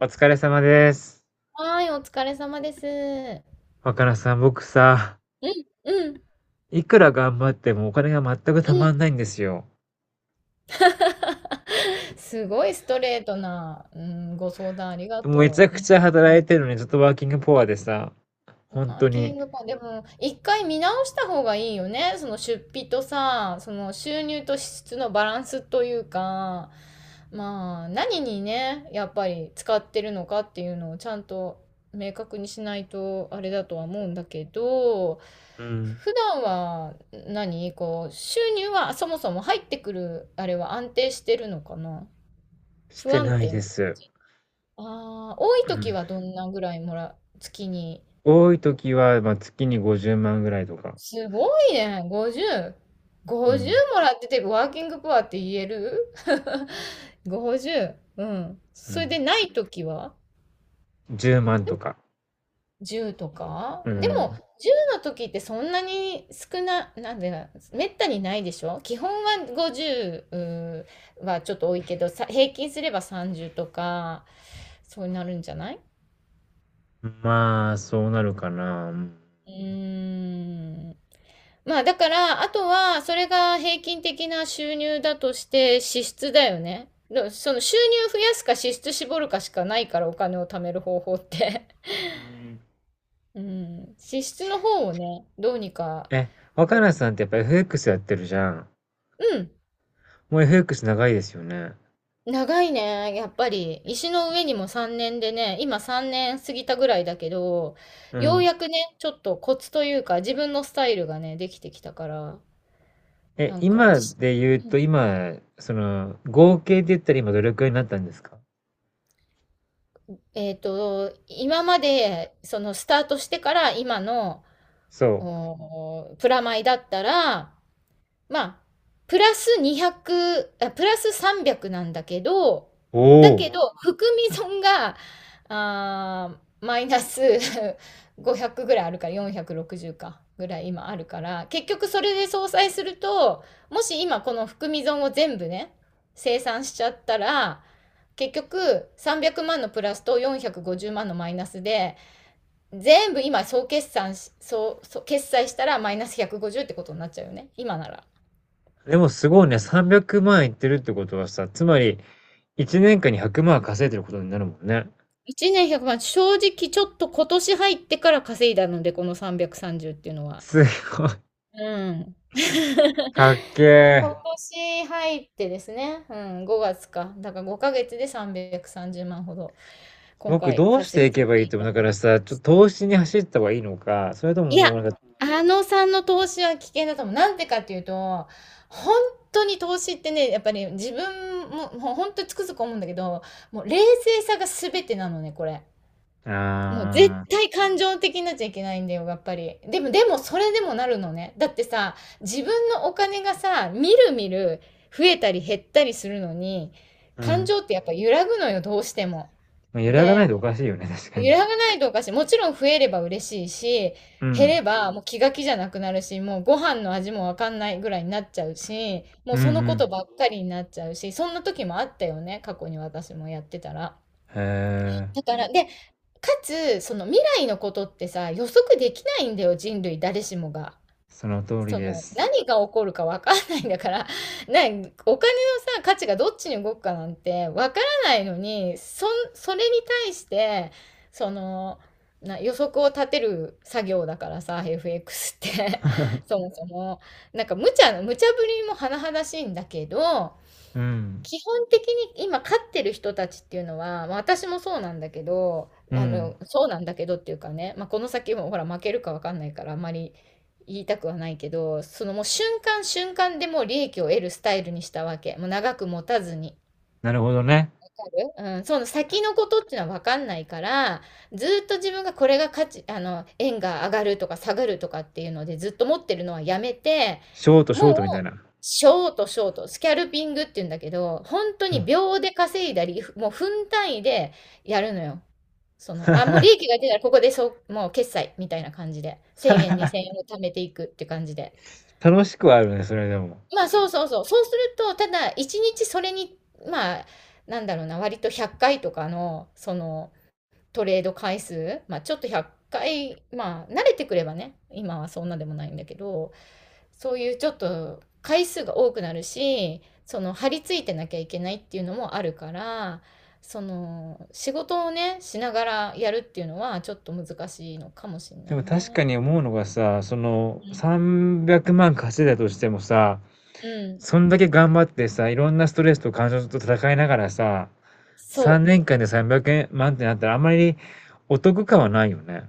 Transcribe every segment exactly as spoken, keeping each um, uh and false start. お疲れ様です。はーい、お疲れ様です。う若菜さん、僕さ、ん、うん、いくら頑張ってもお金が全くうたん。まんないんですよ。すごいストレートな、うん、ご相談ありがもうめちとゃう。くうんちゃ働いてるのに、ちょっとワーキングポアでさ、本ラ当ンキに、ングパン、でも、一回見直した方がいいよね。その出費とさ、その収入と支出のバランスというか、まあ、何にね、やっぱり使ってるのかっていうのをちゃんと明確にしないとあれだとは思うんだけど、うん、普段は何こう、収入はそもそも入ってくる、あれは安定してるのかな、し不て安ない定でな。す。ああ、多いうん、時はどんなぐらいもら、月に。多い時は、まあ、月にごじゅうまんぐらいとか、すごいね。ごじゅう。うん、ごじゅうもらってて、ワーキングプアって言える？ ごじゅう。 うん。うそれん、でないときは？ じゅうまんとか、じゅう とかうでも、ん、じゅうの時ってそんなに少な、なんでな、めったにないでしょ基本はごじゅう、ううーはちょっと多いけど、さ、平均すればさんじゅうとか、そうなるんじゃない？まあ、そうなるかな。うんうーん。まあだから、あとは、それが平均的な収入だとして支出だよね。その収入増やすか支出絞るかしかないから、お金を貯める方法って。うん。 うん。支出の方をね、どうにか。え、若菜さんってやっぱ エフエックス やってるじゃん。うん。もう エフエックス 長いですよね。長いね、やっぱり。石の上にもさんねんでね、今さんねん過ぎたぐらいだけど、うようん。やくね、ちょっとコツというか、自分のスタイルがね、できてきたから、え、なんか、今で言うと、今、その、合計で言ったら今どれくらいになったんですか？えっと、今まで、そのスタートしてから今の、そう。おプラマイだったら、まあ、プラス200、あ、プラスさんびゃくなんだけど、おだけお。ど、含み損が、あー、マイナス ごひゃくぐらいあるから、よんひゃくろくじゅうか、ぐらい今あるから、結局それで相殺すると、もし今この含み損を全部ね、清算しちゃったら、結局さんびゃくまんのプラスとよんひゃくごじゅうまんのマイナスで、全部今総決算し、総、総決済したらマイナスひゃくごじゅうってことになっちゃうよね。今なら。でもすごいね、さんびゃくまんいってるってことはさ、つまり、いちねんかんにひゃくまん稼いでることになるもんね。一年ひゃくまん、正直ちょっと今年入ってから稼いだので、このさんびゃくさんじゅうっていうのは。すごい。うん。かっけ え。今年入ってですね、うん、ごがつか。だからごかげつでさんびゃくさんじゅうまんほど、今僕回どうし稼ていがせけばていいいと思たう？だだかいらて。さ、ちょっと投資に走った方がいいのか、それともいもや、うなんか、あのさんの投資は危険だと思う。なんでかっていうと、本当に投資ってね、やっぱり自分も、もう本当につくづく思うんだけど、もう冷静さが全てなのね、これ。もう絶あ対感情的になっちゃいけないんだよ、やっぱり。でも、でも、それでもなるのね。だってさ、自分のお金がさ、みるみる増えたり減ったりするのに、あ、う感ん。情ってやっぱ揺らぐのよ、どうしても。まあ、揺らがないで、とおかしいよね、確かに。揺らがないとおかしい。もちろん増えれば嬉しいし、う減れん。ばもう気が気じゃなくなるし、もうご飯の味もわかんないぐらいになっちゃうし、もううそのこんとばっかりになっちゃうし、そんな時もあったよね、過去に私もやってたら。うん。へだえ、から、で、かつ、その未来のことってさ、予測できないんだよ、人類誰しもが。その通りそでの、す。何が起こるかわかんないんだから、な、お金のさ、価値がどっちに動くかなんてわからないのに、そん、それに対して、その、な、予測を立てる作業だからさ、エフエックス って そもそも。なんか無茶無茶ぶりも甚だしいんだけど、うん。基本的に今飼ってる人たちっていうのは、まあ、私もそうなんだけど、うあん。の、そうなんだけどっていうかね、まあ、この先もほら負けるかわかんないからあんまり言いたくはないけど、そのもう瞬間瞬間でもう利益を得るスタイルにしたわけ。もう長く持たずに。なるほどね。わかる？うん、その先のことっていうのは分かんないから、ずーっと自分がこれが価値、あの、円が上がるとか下がるとかっていうのでずっと持ってるのはやめて、ショートシもョーう、トみたいな。ショートショート、スキャルピングっていうんだけど、本当うにん。 秒で稼いだり、もう分単位でやるのよ。その、あ、もう利 益が出たらここでそう、もう決済みたいな感じで、いち、 ぜろえん、にせんえんを貯めていくって感じで。楽しくはあるね、それでも。まあそうそうそう。そうすると、ただ一日それに、まあ、なんだろうな、割とひゃっかいとかの、そのトレード回数、まあちょっとひゃっかい、まあ慣れてくればね、今はそんなでもないんだけど、そういうちょっと回数が多くなるし、その張り付いてなきゃいけないっていうのもあるから、その仕事をね、しながらやるっていうのはちょっと難しいのかもしれなでいもよ確かね。に思うのがさ、そのうん。さんびゃくまん稼いだとしてもさ、うん。そんだけ頑張ってさ、いろんなストレスと感情と戦いながらさ、3そう。年間でさんびゃくまんってなったらあまりお得感はないよね。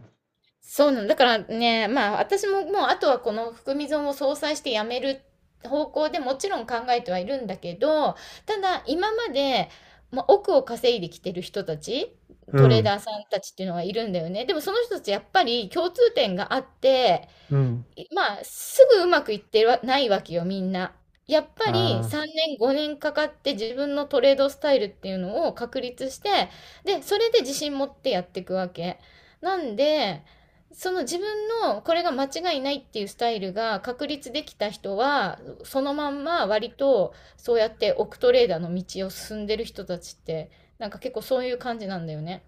そうなんだからね、まあ私ももうあとはこの含み損を相殺してやめる方向でもちろん考えてはいるんだけど、ただ今まで、まあ、億を稼いできてる人たち、うトレーん。ダーさんたちっていうのがいるんだよね。でもその人たちやっぱり共通点があって、うん。いまあ、すぐうまくいってはないわけよ、みんな。やっぱりああ、さんねん、ごねんかかって自分のトレードスタイルっていうのを確立して、で、それで自信持ってやっていくわけ。なんで、その自分のこれが間違いないっていうスタイルが確立できた人は、そのまんま割とそうやって億トレーダーの道を進んでる人たちって、なんか結構そういう感じなんだよね。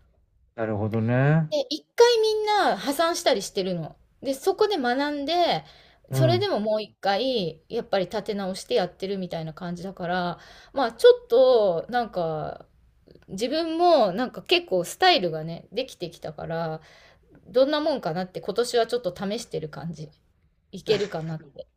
なるほどね。で、一回みんな破産したりしてるの。で、そこで学んで、うそれん。でももう一回、やっぱり立て直してやってるみたいな感じだから、まあちょっと、なんか、自分もなんか結構スタイルがね、できてきたから、どんなもんかなって今年はちょっと試してる感じ。いけるかなって。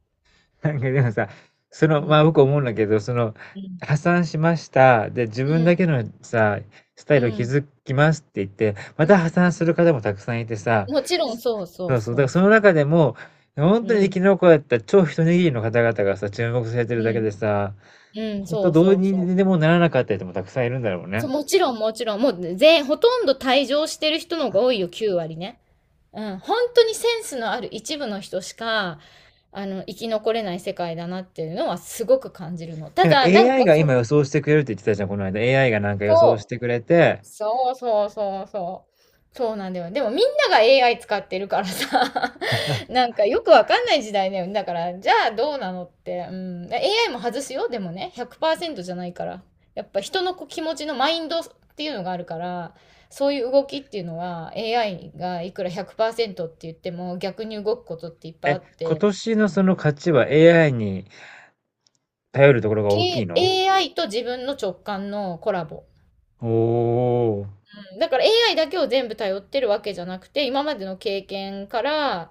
なんかでもさ、そうの、まあん。僕思うんだけど、その、うん。破産しました。で、自う分だん。けのさ、スタイうん。ルをうん。築きますって言って、また破産する方もたくさんいてさ、もちろん、そうそそううそう、だかそらうそその中でも、本う。う当に生ん。き残った超一握りの方々がさ、注目されてるうだけでん。さ、うん。本そ当うどうそうそにう。でもならなかった人もたくさんいるんだろうそう、ね。もちろんもちろん、もう全、ほとんど退場してる人の方が多いよ、きゅう割ね。うん、本当にセンスのある一部の人しか、あの、生き残れない世界だなっていうのはすごく感じるの。たなんか だ、なん エーアイ かが今そ、予想してくれるって言ってたじゃん、この間。エーアイ がなんか予想しそてうくれて、そうそうそうそう。そうなんだよ。でもみんなが エーアイ 使ってるからさ、なんかよくわかんない時代だよね。だから、じゃあどうなのって。うん。エーアイ も外すよ。でもね、ひゃくパーセントじゃないから。やっぱ人のこう気持ちのマインドっていうのがあるから、そういう動きっていうのは エーアイ がいくらひゃくパーセントって言っても逆に動くことっていっぱいあえ、っ今て、年のその価値は エーアイ に頼るところがけ 大きいの？ エーアイ と自分の直感のコラボ。おお。だから エーアイ だけを全部頼ってるわけじゃなくて、今までの経験から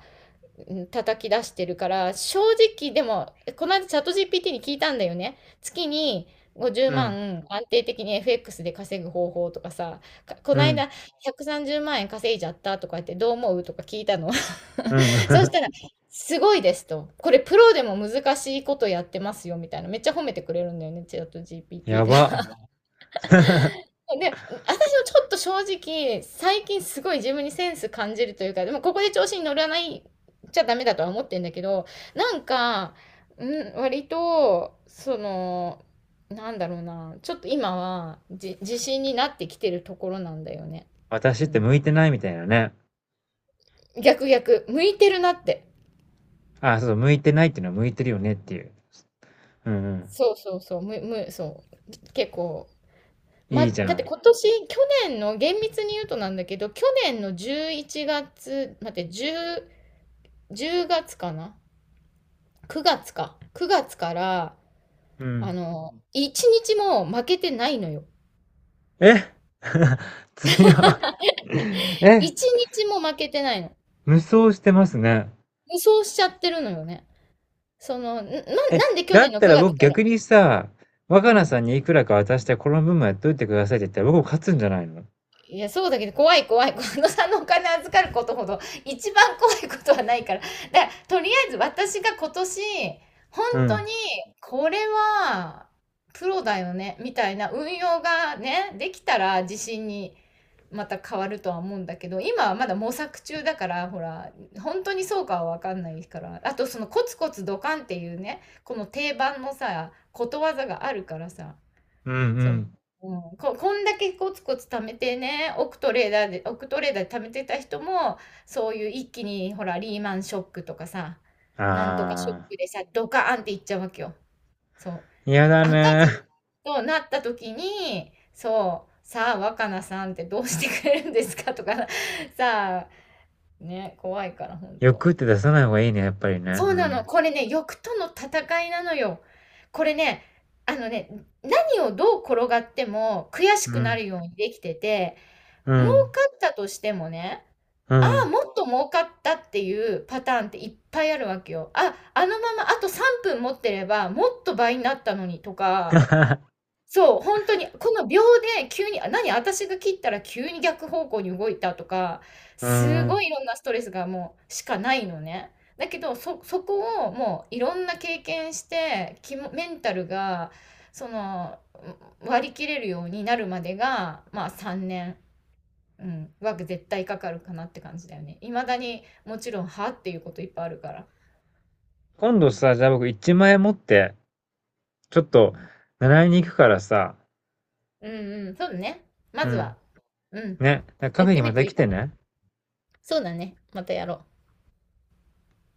うん叩き出してるから、正直でも、この間チャット ジーピーティー に聞いたんだよね。月に50うん、万安定的に エフエックス で稼ぐ方法とかさ、かこうのん、間ひゃくさんじゅうまん円稼いじゃったとか言ってどう思うとか聞いたの。うん。そし たら、すごいですと。これプロでも難しいことやってますよみたいな。めっちゃ褒めてくれるんだよね、チャット や ジーピーティー ば。が。で、私もちょっと正直、最近すごい自分にセンス感じるというか、でもここで調子に乗らないちゃダメだとは思ってんだけど、なんか、うん、割と、その、なんだろうな、ちょっと今はじ、自信になってきてるところなんだよね。私うってん。向いてないみたいなね。逆逆、向いてるなって。あ、そう、向いてないっていうのは向いてるよねっていう。うんうん。そうそうそう、む、む、そう。結構、いま、いだじゃってん。今年、去年の、厳密に言うとなんだけど、去年のじゅういちがつ、待って、じゅう、じゅうがつかな？ く 月か。くがつから、うあん。の、いちにちも負けてないのよ。え。 強い。え、いちにちも負けてないの。無双してますね。無双しちゃってるのよね。その、な、え、なんで去だ年っのたらくがつ僕から、逆にさ、う若菜さん。んにいくらか渡してこの分もやっといてくださいって言ったら僕も勝つんじゃないの？いや、そうだけど、怖い怖い。このさんのお金預かることほど、一番怖いことはないから。だから、とりあえず私が今年、本う当ん。に、これは、プロだよね、みたいな運用がね、できたら自信にまた変わるとは思うんだけど、今はまだ模索中だから、ほら、本当にそうかはわかんないから。あと、そのコツコツドカンっていうね、この定番のさ、ことわざがあるからさ、うんうそう。ん。うん、ここんだけコツコツ貯めてね、億トレーダーで、億トレーダーで貯めてた人も、そういう一気に、ほら、リーマンショックとかさ、なんとかショッああ。クでさ、ドカーンっていっちゃうわけよ。そう。嫌だ赤字ね。となった時に、そう、さあ、若菜さんってどうしてくれるんですかとか、さあ、ね、怖いから、本当欲って出さない方がいいね、やっぱりね。そううなの。ん。これね、欲との戦いなのよ。これね、あのね、何をどう転がっても悔しうくなん。るようにできてて、う儲かん、ったとしてもね、うああ、ん。もっと儲かったっていうパターンっていっぱいあるわけよ。あ、あのままあとさんぷん持ってればもっと倍になったのにとか、そう、本当に、この秒で急に、あ、何、私が切ったら急に逆方向に動いたとか、うすーごん。いいろんなストレスがもうしかないのね。だけど、そそこをもういろんな経験して、きもメンタルが、その、割り切れるようになるまでが、まあ、さんねん、うん、は絶対かかるかなって感じだよね。未だにもちろん、はっていうこといっぱいあるから。今度さ、じゃあ僕いちまん円持って、ちょっとうん、習いに行くからさ、うんうん、そうだね。うまずん、は、うん、ね、カやフっェてにみまるとたい来いかても。ね。そうだね、またやろう。